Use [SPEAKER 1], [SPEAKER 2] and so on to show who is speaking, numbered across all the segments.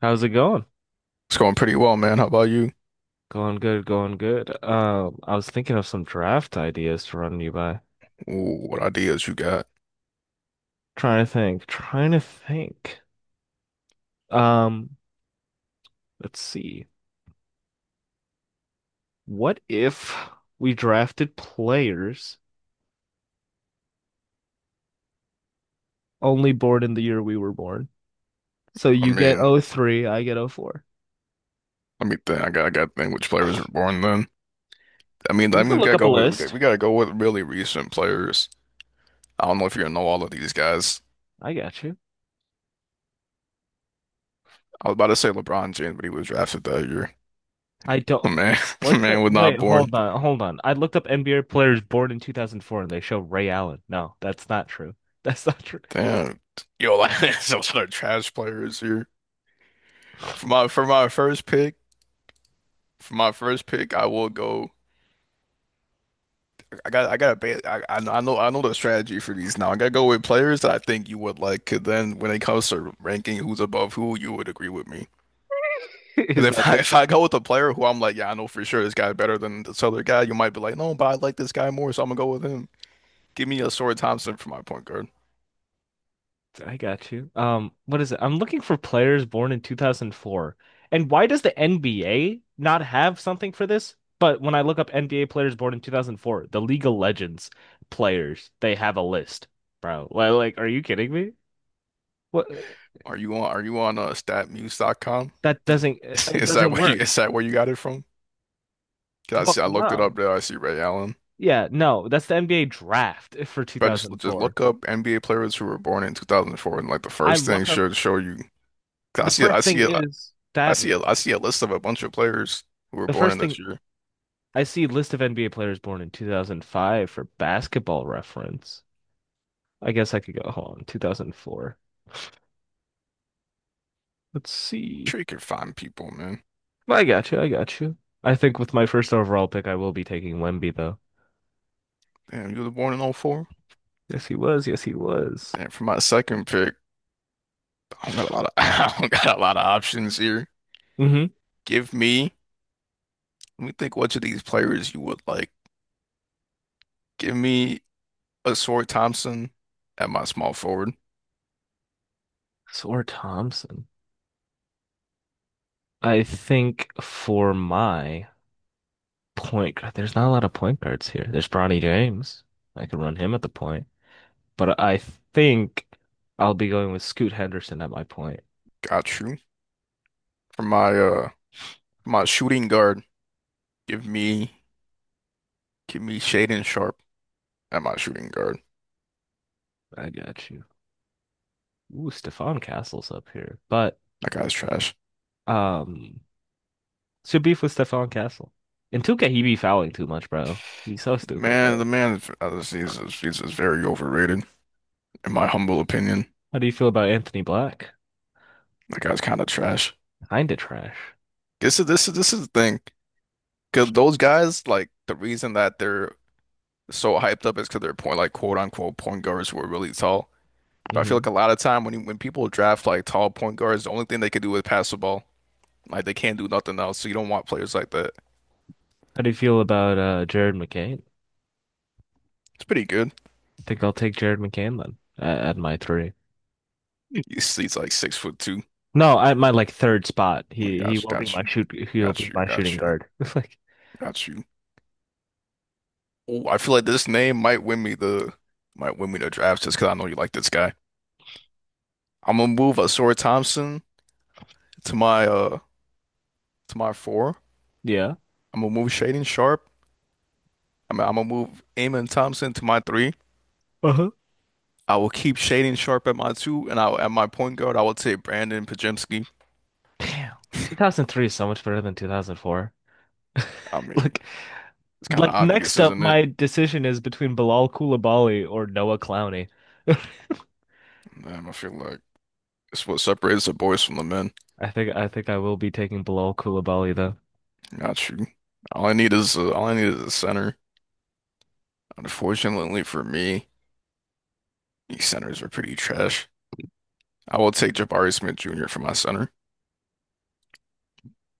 [SPEAKER 1] How's it going?
[SPEAKER 2] It's going pretty well, man. How about you?
[SPEAKER 1] Going good, going good. I was thinking of some draft ideas to run you by.
[SPEAKER 2] Ooh, what ideas you got?
[SPEAKER 1] Trying to think, trying to think. Um, let's see. What if we drafted players only born in the year we were born? So
[SPEAKER 2] I
[SPEAKER 1] you get
[SPEAKER 2] mean,
[SPEAKER 1] O three. I get O four.
[SPEAKER 2] let me think. I got to think which players were born then. I mean, I
[SPEAKER 1] You
[SPEAKER 2] mean,
[SPEAKER 1] can
[SPEAKER 2] we
[SPEAKER 1] look
[SPEAKER 2] gotta
[SPEAKER 1] up a
[SPEAKER 2] go with we got,
[SPEAKER 1] list.
[SPEAKER 2] we gotta go with really recent players. I don't know if you know all of these guys.
[SPEAKER 1] I got you.
[SPEAKER 2] I was about to say LeBron James, but he was drafted that year.
[SPEAKER 1] I
[SPEAKER 2] Oh,
[SPEAKER 1] don't.
[SPEAKER 2] man,
[SPEAKER 1] What the?
[SPEAKER 2] man was
[SPEAKER 1] Wait,
[SPEAKER 2] not born.
[SPEAKER 1] hold on, hold on. I looked up NBA players born in 2004 and they show Ray Allen. No, that's not true. That's not true.
[SPEAKER 2] Damn, yo, like there's a lot of trash players here. For my for my first pick, for my first pick, I will go. I know the strategy for these now. I gotta go with players that I think you would like. 'Cause then when it comes to ranking who's above who, you would agree with me.
[SPEAKER 1] Is
[SPEAKER 2] Because
[SPEAKER 1] that
[SPEAKER 2] if I,
[SPEAKER 1] the?
[SPEAKER 2] if I go with a player who I'm like, yeah, I know for sure this guy's better than this other guy, you might be like, no, but I like this guy more, so I'm gonna go with him. Give me a Sora Thompson for my point guard.
[SPEAKER 1] I got you. What is it? I'm looking for players born in 2004. And why does the NBA not have something for this? But when I look up NBA players born in 2004, the League of Legends players, they have a list, bro. Like, are you kidding me? What?
[SPEAKER 2] Are you on StatMuse.com?
[SPEAKER 1] That doesn't it
[SPEAKER 2] Is that
[SPEAKER 1] doesn't
[SPEAKER 2] where you
[SPEAKER 1] work.
[SPEAKER 2] is that where you got it from? 'Cause I
[SPEAKER 1] Well,
[SPEAKER 2] see I looked it
[SPEAKER 1] no.
[SPEAKER 2] up there. I see Ray Allen.
[SPEAKER 1] Yeah, no. That's the NBA draft for
[SPEAKER 2] If I just
[SPEAKER 1] 2004.
[SPEAKER 2] look up NBA players who were born in 2004, and like the
[SPEAKER 1] I
[SPEAKER 2] first thing
[SPEAKER 1] look up
[SPEAKER 2] should show you. 'Cause I
[SPEAKER 1] The
[SPEAKER 2] see I
[SPEAKER 1] first
[SPEAKER 2] see
[SPEAKER 1] thing is that meme.
[SPEAKER 2] I see a list of a bunch of players who were
[SPEAKER 1] The
[SPEAKER 2] born
[SPEAKER 1] first
[SPEAKER 2] in this
[SPEAKER 1] thing
[SPEAKER 2] year.
[SPEAKER 1] I see list of NBA players born in 2005 for basketball reference. I guess I could go, hold on, 2004. Let's see.
[SPEAKER 2] Sure, you can find people, man.
[SPEAKER 1] I got you. I got you. I think with my first overall pick, I will be taking Wemby, though.
[SPEAKER 2] Damn, you were born in '04.
[SPEAKER 1] Yes, he was. Yes, he was.
[SPEAKER 2] And for my second pick, I don't got a lot of I don't got a lot of options here.
[SPEAKER 1] Mm-hmm.
[SPEAKER 2] Give me, Let me think which of these players you would like. Give me a Sword Thompson at my small forward.
[SPEAKER 1] Sor Thompson. I think for my point guard, there's not a lot of point guards here. There's Bronny James. I could run him at the point, but I think I'll be going with Scoot Henderson at my point.
[SPEAKER 2] Got you. For my shooting guard, give me give me Shaden Sharp at my shooting guard.
[SPEAKER 1] I got you. Ooh, Stefan Castle's up here, but
[SPEAKER 2] That guy's trash.
[SPEAKER 1] um what's your beef with Stefan Castle? In 2K, he be fouling too much, bro. He's so stupid,
[SPEAKER 2] Man,
[SPEAKER 1] bro.
[SPEAKER 2] he's very overrated, in my humble opinion.
[SPEAKER 1] How do you feel about Anthony Black?
[SPEAKER 2] That guy's kind of trash.
[SPEAKER 1] Kinda trash.
[SPEAKER 2] This is the thing. 'Cause those guys, like the reason that they're so hyped up is because they're point like quote unquote point guards who are really tall. But I feel
[SPEAKER 1] Hmm.
[SPEAKER 2] like a lot of time when people draft like tall point guards, the only thing they can do is pass the ball. Like they can't do nothing else. So you don't want players like that.
[SPEAKER 1] How do you feel about Jared McCain?
[SPEAKER 2] It's pretty good.
[SPEAKER 1] I think I'll take Jared McCain then at my three.
[SPEAKER 2] You see, it's like 6'2".
[SPEAKER 1] No, at my like third spot.
[SPEAKER 2] Oh my
[SPEAKER 1] He he
[SPEAKER 2] gosh,
[SPEAKER 1] will be
[SPEAKER 2] got
[SPEAKER 1] my
[SPEAKER 2] you,
[SPEAKER 1] shoot he'll
[SPEAKER 2] got
[SPEAKER 1] be
[SPEAKER 2] you,
[SPEAKER 1] my shooting
[SPEAKER 2] got you,
[SPEAKER 1] guard. It's like
[SPEAKER 2] got you. Oh, I feel like this name might win me the draft just because I know you like this guy. I'm gonna move Asura Thompson to my uh to my four.
[SPEAKER 1] yeah.
[SPEAKER 2] I'm gonna move Shading Sharp. I mean, I'm gonna move Amon Thompson to my three.
[SPEAKER 1] Uh-huh.
[SPEAKER 2] I will keep Shading Sharp at my two, and I at my point guard, I will take Brandon Pajemski.
[SPEAKER 1] Damn. 2003 is so much better than 2004.
[SPEAKER 2] I mean,
[SPEAKER 1] Look.
[SPEAKER 2] it's kind of
[SPEAKER 1] Like
[SPEAKER 2] obvious,
[SPEAKER 1] next up,
[SPEAKER 2] isn't it?
[SPEAKER 1] my decision is between Bilal Coulibaly or Noah Clowney.
[SPEAKER 2] Man, I feel like it's what separates the boys from the men.
[SPEAKER 1] I think I will be taking Bilal Coulibaly though.
[SPEAKER 2] Not you. All I need is a center. Unfortunately for me, these centers are pretty trash. I will take Jabari Smith Jr. for my center.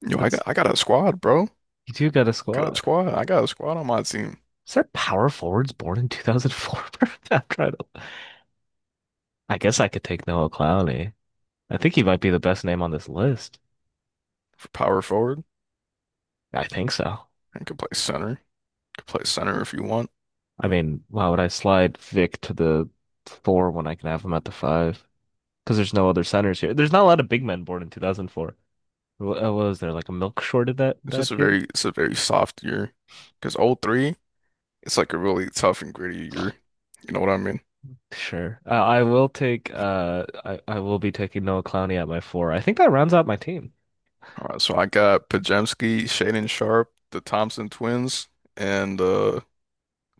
[SPEAKER 2] Yo, I got
[SPEAKER 1] That's
[SPEAKER 2] I got a squad, bro.
[SPEAKER 1] You do got a
[SPEAKER 2] Got a
[SPEAKER 1] squad.
[SPEAKER 2] squad. I got a squad on my team
[SPEAKER 1] Is there power forwards born in 2004? I'm trying to. I guess I could take Noah Clowney. I think he might be the best name on this list.
[SPEAKER 2] for power forward
[SPEAKER 1] I think so.
[SPEAKER 2] and can play center. Could play center if you want.
[SPEAKER 1] I mean, why would I slide Vic to the four when I can have him at the five? Because there's no other centers here. There's not a lot of big men born in 2004. Wh- uh, What was there like a milk short of that
[SPEAKER 2] It's just
[SPEAKER 1] that
[SPEAKER 2] a
[SPEAKER 1] year?
[SPEAKER 2] very it's a very soft year. Because oh 03, it's like a really tough and gritty year. You know what I mean?
[SPEAKER 1] Sure. I will be taking Noah Clowney at my four. I think that rounds out my team.
[SPEAKER 2] All right, so I got Pajemski, Shaden Sharp, the Thompson twins, and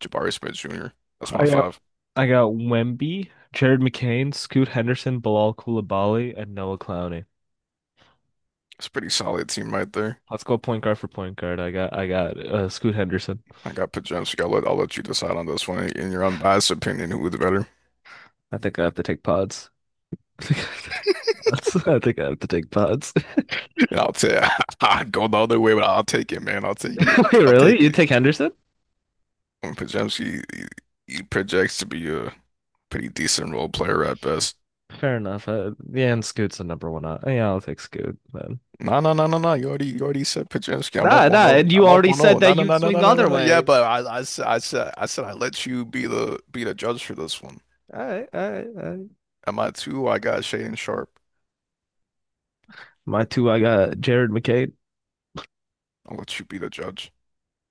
[SPEAKER 2] Jabari Smith Jr. That's my
[SPEAKER 1] I got
[SPEAKER 2] five.
[SPEAKER 1] I got Wemby, Jared McCain, Scoot Henderson, Bilal Coulibaly, and Noah Clowney.
[SPEAKER 2] It's a pretty solid team right there.
[SPEAKER 1] Let's go point guard for point guard. I got Scoot Henderson.
[SPEAKER 2] I got Pajemski. I'll let you decide on this one in your unbiased opinion who's better.
[SPEAKER 1] I think I have to take pods. I think I have to take pods. I think I have to take pods.
[SPEAKER 2] And I'll tell you, I'd go the other way, but I'll take it, man. I'll take it.
[SPEAKER 1] Wait,
[SPEAKER 2] I'll
[SPEAKER 1] really?
[SPEAKER 2] take
[SPEAKER 1] You
[SPEAKER 2] it.
[SPEAKER 1] take Henderson?
[SPEAKER 2] When Pajemski, he projects to be a pretty decent role player at best.
[SPEAKER 1] Fair enough. Yeah, and Scoot's the number one. Out. Yeah, I'll take Scoot then.
[SPEAKER 2] No, no, no, no, no. You already said Pajemski. I'm up
[SPEAKER 1] Nah, nah,
[SPEAKER 2] 1-0.
[SPEAKER 1] and you
[SPEAKER 2] I'm up
[SPEAKER 1] already
[SPEAKER 2] 1-0.
[SPEAKER 1] said that
[SPEAKER 2] No, no,
[SPEAKER 1] you'd
[SPEAKER 2] no, no,
[SPEAKER 1] swing
[SPEAKER 2] no,
[SPEAKER 1] the
[SPEAKER 2] no, no,
[SPEAKER 1] other
[SPEAKER 2] no. Yeah,
[SPEAKER 1] way.
[SPEAKER 2] but I said I let you be the judge for this one.
[SPEAKER 1] All right, all right, all right.
[SPEAKER 2] Am I two? I got Shaden Sharp.
[SPEAKER 1] My two, I got Jared McCain.
[SPEAKER 2] I'll let you be the judge.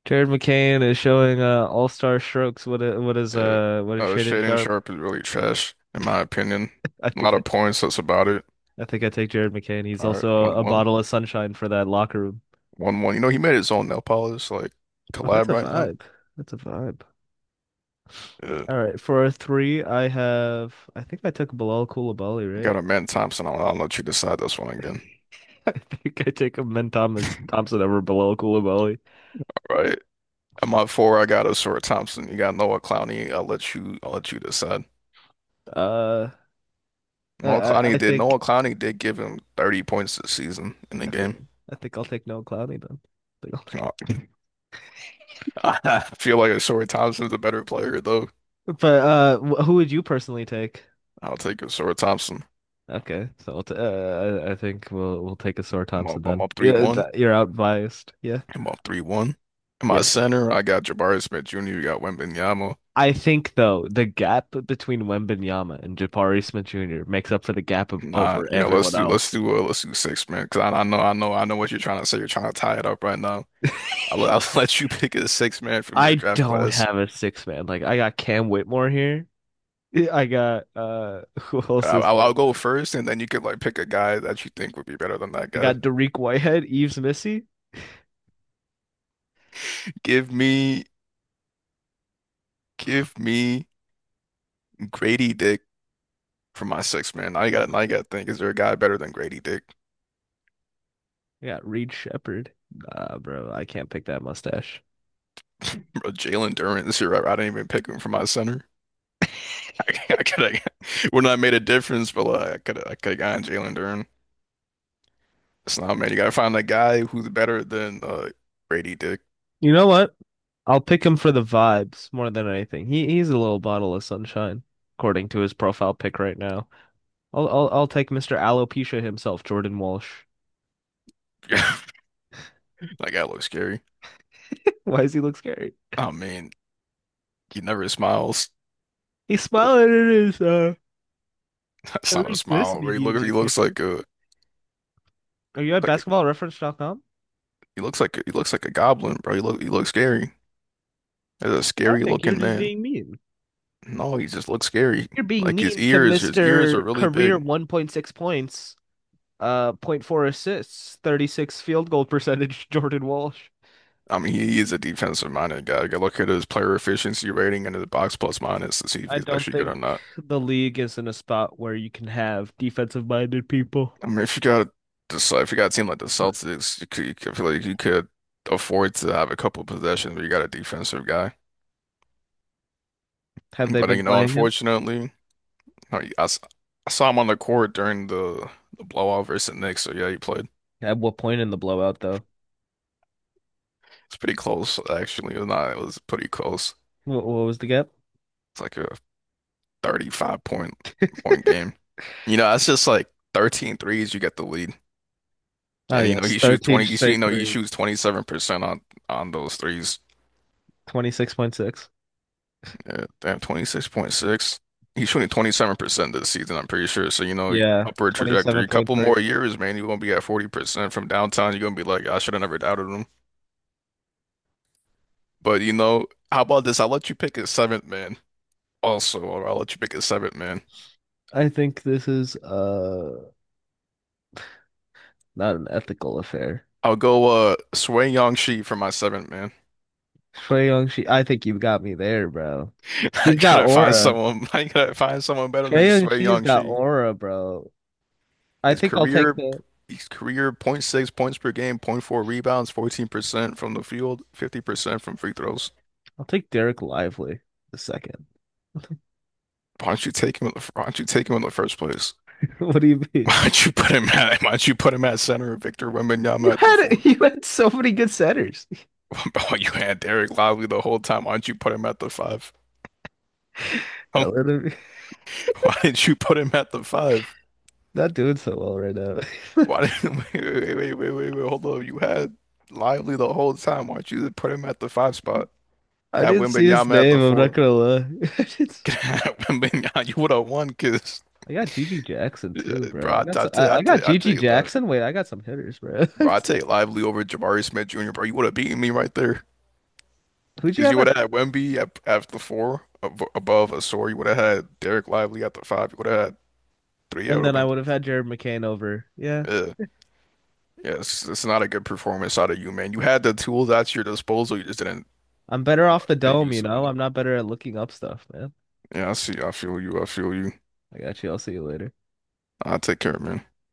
[SPEAKER 1] Jared McCain is showing all-star strokes. What i- what is
[SPEAKER 2] Yeah.
[SPEAKER 1] uh what is Shaden
[SPEAKER 2] Shaden
[SPEAKER 1] Sharp?
[SPEAKER 2] Sharp is really trash, in my opinion.
[SPEAKER 1] I
[SPEAKER 2] A lot
[SPEAKER 1] think I,
[SPEAKER 2] of points. That's about it.
[SPEAKER 1] I think I take Jared McCain. He's
[SPEAKER 2] All right,
[SPEAKER 1] also
[SPEAKER 2] one
[SPEAKER 1] a
[SPEAKER 2] one,
[SPEAKER 1] bottle of sunshine for that locker room.
[SPEAKER 2] one one. You know, he made his own nail polish like
[SPEAKER 1] Oh, that's
[SPEAKER 2] collab
[SPEAKER 1] a
[SPEAKER 2] right now.
[SPEAKER 1] vibe. That's a vibe.
[SPEAKER 2] Yeah.
[SPEAKER 1] All right, for a three, I have. I think I took Bilal Coulibaly,
[SPEAKER 2] You got
[SPEAKER 1] right?
[SPEAKER 2] a man Thompson. I'll let you decide this one again.
[SPEAKER 1] I think I take him, then Thomas Thompson over Bilal Coulibaly.
[SPEAKER 2] All right. At my four, I got Osura Thompson. You got Noah Clowney. I'll let you. I'll let you decide.
[SPEAKER 1] Uh,
[SPEAKER 2] Noah
[SPEAKER 1] I I I
[SPEAKER 2] Clowney did.
[SPEAKER 1] think
[SPEAKER 2] Noah Clowney did give him 30 points this season in the
[SPEAKER 1] I think
[SPEAKER 2] game.
[SPEAKER 1] I think I'll take Noah Clowney then. I think
[SPEAKER 2] You know, I feel like Osura Thompson's a better player though.
[SPEAKER 1] But wh- who would you personally take?
[SPEAKER 2] I'll take Osura Thompson.
[SPEAKER 1] Okay, so we'll t I think we'll take a sore Thompson
[SPEAKER 2] I'm
[SPEAKER 1] then.
[SPEAKER 2] up three
[SPEAKER 1] Yeah,
[SPEAKER 2] one.
[SPEAKER 1] th you're out biased. Yeah,
[SPEAKER 2] I'm up 3-1. In my
[SPEAKER 1] yeah.
[SPEAKER 2] center, I got Jabari Smith Jr. You got Wembanyama.
[SPEAKER 1] I think though the gap between Wembanyama and Jabari Smith Jr. makes up for the gap of
[SPEAKER 2] Nah,
[SPEAKER 1] over
[SPEAKER 2] you know,
[SPEAKER 1] everyone else.
[SPEAKER 2] let's do six-man because I know what you're trying to say. You're trying to tie it up right now. I'll let you pick a six-man from your
[SPEAKER 1] I
[SPEAKER 2] draft
[SPEAKER 1] don't
[SPEAKER 2] class.
[SPEAKER 1] have a six man. Like I got Cam Whitmore here. Yeah, I got who else is
[SPEAKER 2] I'll
[SPEAKER 1] named
[SPEAKER 2] go
[SPEAKER 1] there?
[SPEAKER 2] first, and then you could like pick a guy that you think would be better than that
[SPEAKER 1] I
[SPEAKER 2] guy.
[SPEAKER 1] got Dariq Whitehead, Eves Missy.
[SPEAKER 2] Give me, give me Grady Dick for my six man. I got to think, is there a guy better than Grady Dick?
[SPEAKER 1] I got Reed Shepherd. Nah, bro, I can't pick that mustache.
[SPEAKER 2] Bro, Jalen Durant this year, I didn't even pick him for my center. I, I could have, would not have made a difference, but like, I could have gotten Jalen Durant. It's not, man. You gotta find that guy who's better than Grady Dick.
[SPEAKER 1] You know what? I'll pick him for the vibes more than anything. He's a little bottle of sunshine, according to his profile pic right now. I'll take Mr. Alopecia himself, Jordan Walsh.
[SPEAKER 2] That guy looks scary.
[SPEAKER 1] Why does he look scary?
[SPEAKER 2] I mean, he never smiles.
[SPEAKER 1] He's smiling in his
[SPEAKER 2] That's
[SPEAKER 1] at
[SPEAKER 2] not a
[SPEAKER 1] least this
[SPEAKER 2] smile.
[SPEAKER 1] DNA picture. Are you at
[SPEAKER 2] Like
[SPEAKER 1] basketballreference.com?
[SPEAKER 2] he looks like a goblin, bro. He looks scary. That's a
[SPEAKER 1] I
[SPEAKER 2] scary
[SPEAKER 1] think you're
[SPEAKER 2] looking
[SPEAKER 1] just
[SPEAKER 2] man.
[SPEAKER 1] being mean.
[SPEAKER 2] No, he just looks scary.
[SPEAKER 1] You're being
[SPEAKER 2] Like his
[SPEAKER 1] mean to
[SPEAKER 2] ears, his ears are
[SPEAKER 1] Mr.
[SPEAKER 2] really
[SPEAKER 1] Career
[SPEAKER 2] big.
[SPEAKER 1] 1.6 points, zero point 0.4 assists, 36 field goal percentage, Jordan Walsh.
[SPEAKER 2] I mean, he is a defensive minded guy. Go look at his player efficiency rating and his box plus minus to see if
[SPEAKER 1] I
[SPEAKER 2] he's
[SPEAKER 1] don't
[SPEAKER 2] actually good
[SPEAKER 1] think
[SPEAKER 2] or not.
[SPEAKER 1] the league is in a spot where you can have defensive minded people.
[SPEAKER 2] I mean, if you got a team like the Celtics, I feel like you could afford to have a couple possessions, but you got a defensive guy.
[SPEAKER 1] Have they
[SPEAKER 2] But
[SPEAKER 1] been
[SPEAKER 2] you know,
[SPEAKER 1] playing him?
[SPEAKER 2] unfortunately, I, I s- I saw him on the court during the blowout versus the Knicks. So yeah, he played.
[SPEAKER 1] At what point in the blowout, though?
[SPEAKER 2] It's pretty close, actually. It was not, it was pretty close.
[SPEAKER 1] What was the gap?
[SPEAKER 2] It's like a 35 point game. You know, that's just like 13 threes. You get the lead.
[SPEAKER 1] Ah,
[SPEAKER 2] And you know,
[SPEAKER 1] yes,
[SPEAKER 2] he shoots
[SPEAKER 1] 13
[SPEAKER 2] 20, you see, you
[SPEAKER 1] straight
[SPEAKER 2] know, he
[SPEAKER 1] threes,
[SPEAKER 2] shoots 27% on those threes.
[SPEAKER 1] 26.6.
[SPEAKER 2] Yeah, damn, 26.6. He's shooting 27% this season, I'm pretty sure. So, you know,
[SPEAKER 1] Yeah,
[SPEAKER 2] upward trajectory. Couple
[SPEAKER 1] 27.3.
[SPEAKER 2] more years, man, you're gonna be at 40% from downtown. You're gonna be like, I should have never doubted him. But you know, how about this? I'll let you pick a seventh man also, or I'll let you pick a seventh man.
[SPEAKER 1] I think this is not an ethical affair.
[SPEAKER 2] I'll go Sui Shi for my seventh man.
[SPEAKER 1] Trae Young, she, I think you have got me there, bro.
[SPEAKER 2] I
[SPEAKER 1] He's got
[SPEAKER 2] gotta find
[SPEAKER 1] aura.
[SPEAKER 2] someone. I gotta find someone better
[SPEAKER 1] Trae
[SPEAKER 2] than
[SPEAKER 1] Young,
[SPEAKER 2] Sui
[SPEAKER 1] she's got
[SPEAKER 2] Shi.
[SPEAKER 1] aura, bro. I
[SPEAKER 2] His
[SPEAKER 1] think I'll take
[SPEAKER 2] career,
[SPEAKER 1] the
[SPEAKER 2] his career, 0.6 points per game, 0.4 rebounds, 14% from the field, 50% from free throws.
[SPEAKER 1] I'll take Derek Lively the second.
[SPEAKER 2] Why don't you take him in the first place?
[SPEAKER 1] What do you mean?
[SPEAKER 2] Why don't you put him at? Why don't you put him at center? Victor
[SPEAKER 1] You
[SPEAKER 2] Wembanyama at the
[SPEAKER 1] had
[SPEAKER 2] four.
[SPEAKER 1] you had so many good centers.
[SPEAKER 2] Oh, you had Derek Lively the whole time. Why don't you put him at the five? Why
[SPEAKER 1] Atlanta
[SPEAKER 2] didn't you put him at the five?
[SPEAKER 1] not doing so well right now.
[SPEAKER 2] Why didn't wait, wait, wait, wait, wait, wait, hold on. You had Lively the whole time. Why don't you just put him at the five spot?
[SPEAKER 1] I
[SPEAKER 2] Have
[SPEAKER 1] didn't see his
[SPEAKER 2] Wembanyama at
[SPEAKER 1] name.
[SPEAKER 2] the
[SPEAKER 1] I'm not
[SPEAKER 2] four.
[SPEAKER 1] gonna lie. I, didn't-
[SPEAKER 2] Have Wembanyama, you would have won because,
[SPEAKER 1] I got Gigi Jackson too,
[SPEAKER 2] bro,
[SPEAKER 1] bro. I
[SPEAKER 2] I,
[SPEAKER 1] got
[SPEAKER 2] I,
[SPEAKER 1] some,
[SPEAKER 2] t
[SPEAKER 1] I,
[SPEAKER 2] I,
[SPEAKER 1] I got
[SPEAKER 2] ta- I
[SPEAKER 1] Gigi
[SPEAKER 2] take Lively.
[SPEAKER 1] Jackson. Wait, I got some hitters, bro.
[SPEAKER 2] Bro, I take Lively over Jabari Smith Jr. Bro, you would have beaten me right there
[SPEAKER 1] Who'd you
[SPEAKER 2] because
[SPEAKER 1] have?
[SPEAKER 2] you would
[SPEAKER 1] At,
[SPEAKER 2] have had Wemby at the four ab above Asor. You would have had Derek Lively at the five. You would have had three. Yeah, it
[SPEAKER 1] and
[SPEAKER 2] would
[SPEAKER 1] then I
[SPEAKER 2] have been.
[SPEAKER 1] would have had Jared McCain over. Yeah,
[SPEAKER 2] Yeah, yeah. It's not a good performance out of you, man. You had the tools at your disposal. You just didn't
[SPEAKER 1] I'm better
[SPEAKER 2] uh,
[SPEAKER 1] off the
[SPEAKER 2] take
[SPEAKER 1] dome. You
[SPEAKER 2] use of
[SPEAKER 1] know,
[SPEAKER 2] them.
[SPEAKER 1] I'm not better at looking up stuff, man.
[SPEAKER 2] Yeah, I see. I feel you. I feel you.
[SPEAKER 1] I got you. I'll see you later.
[SPEAKER 2] I'll take care, man.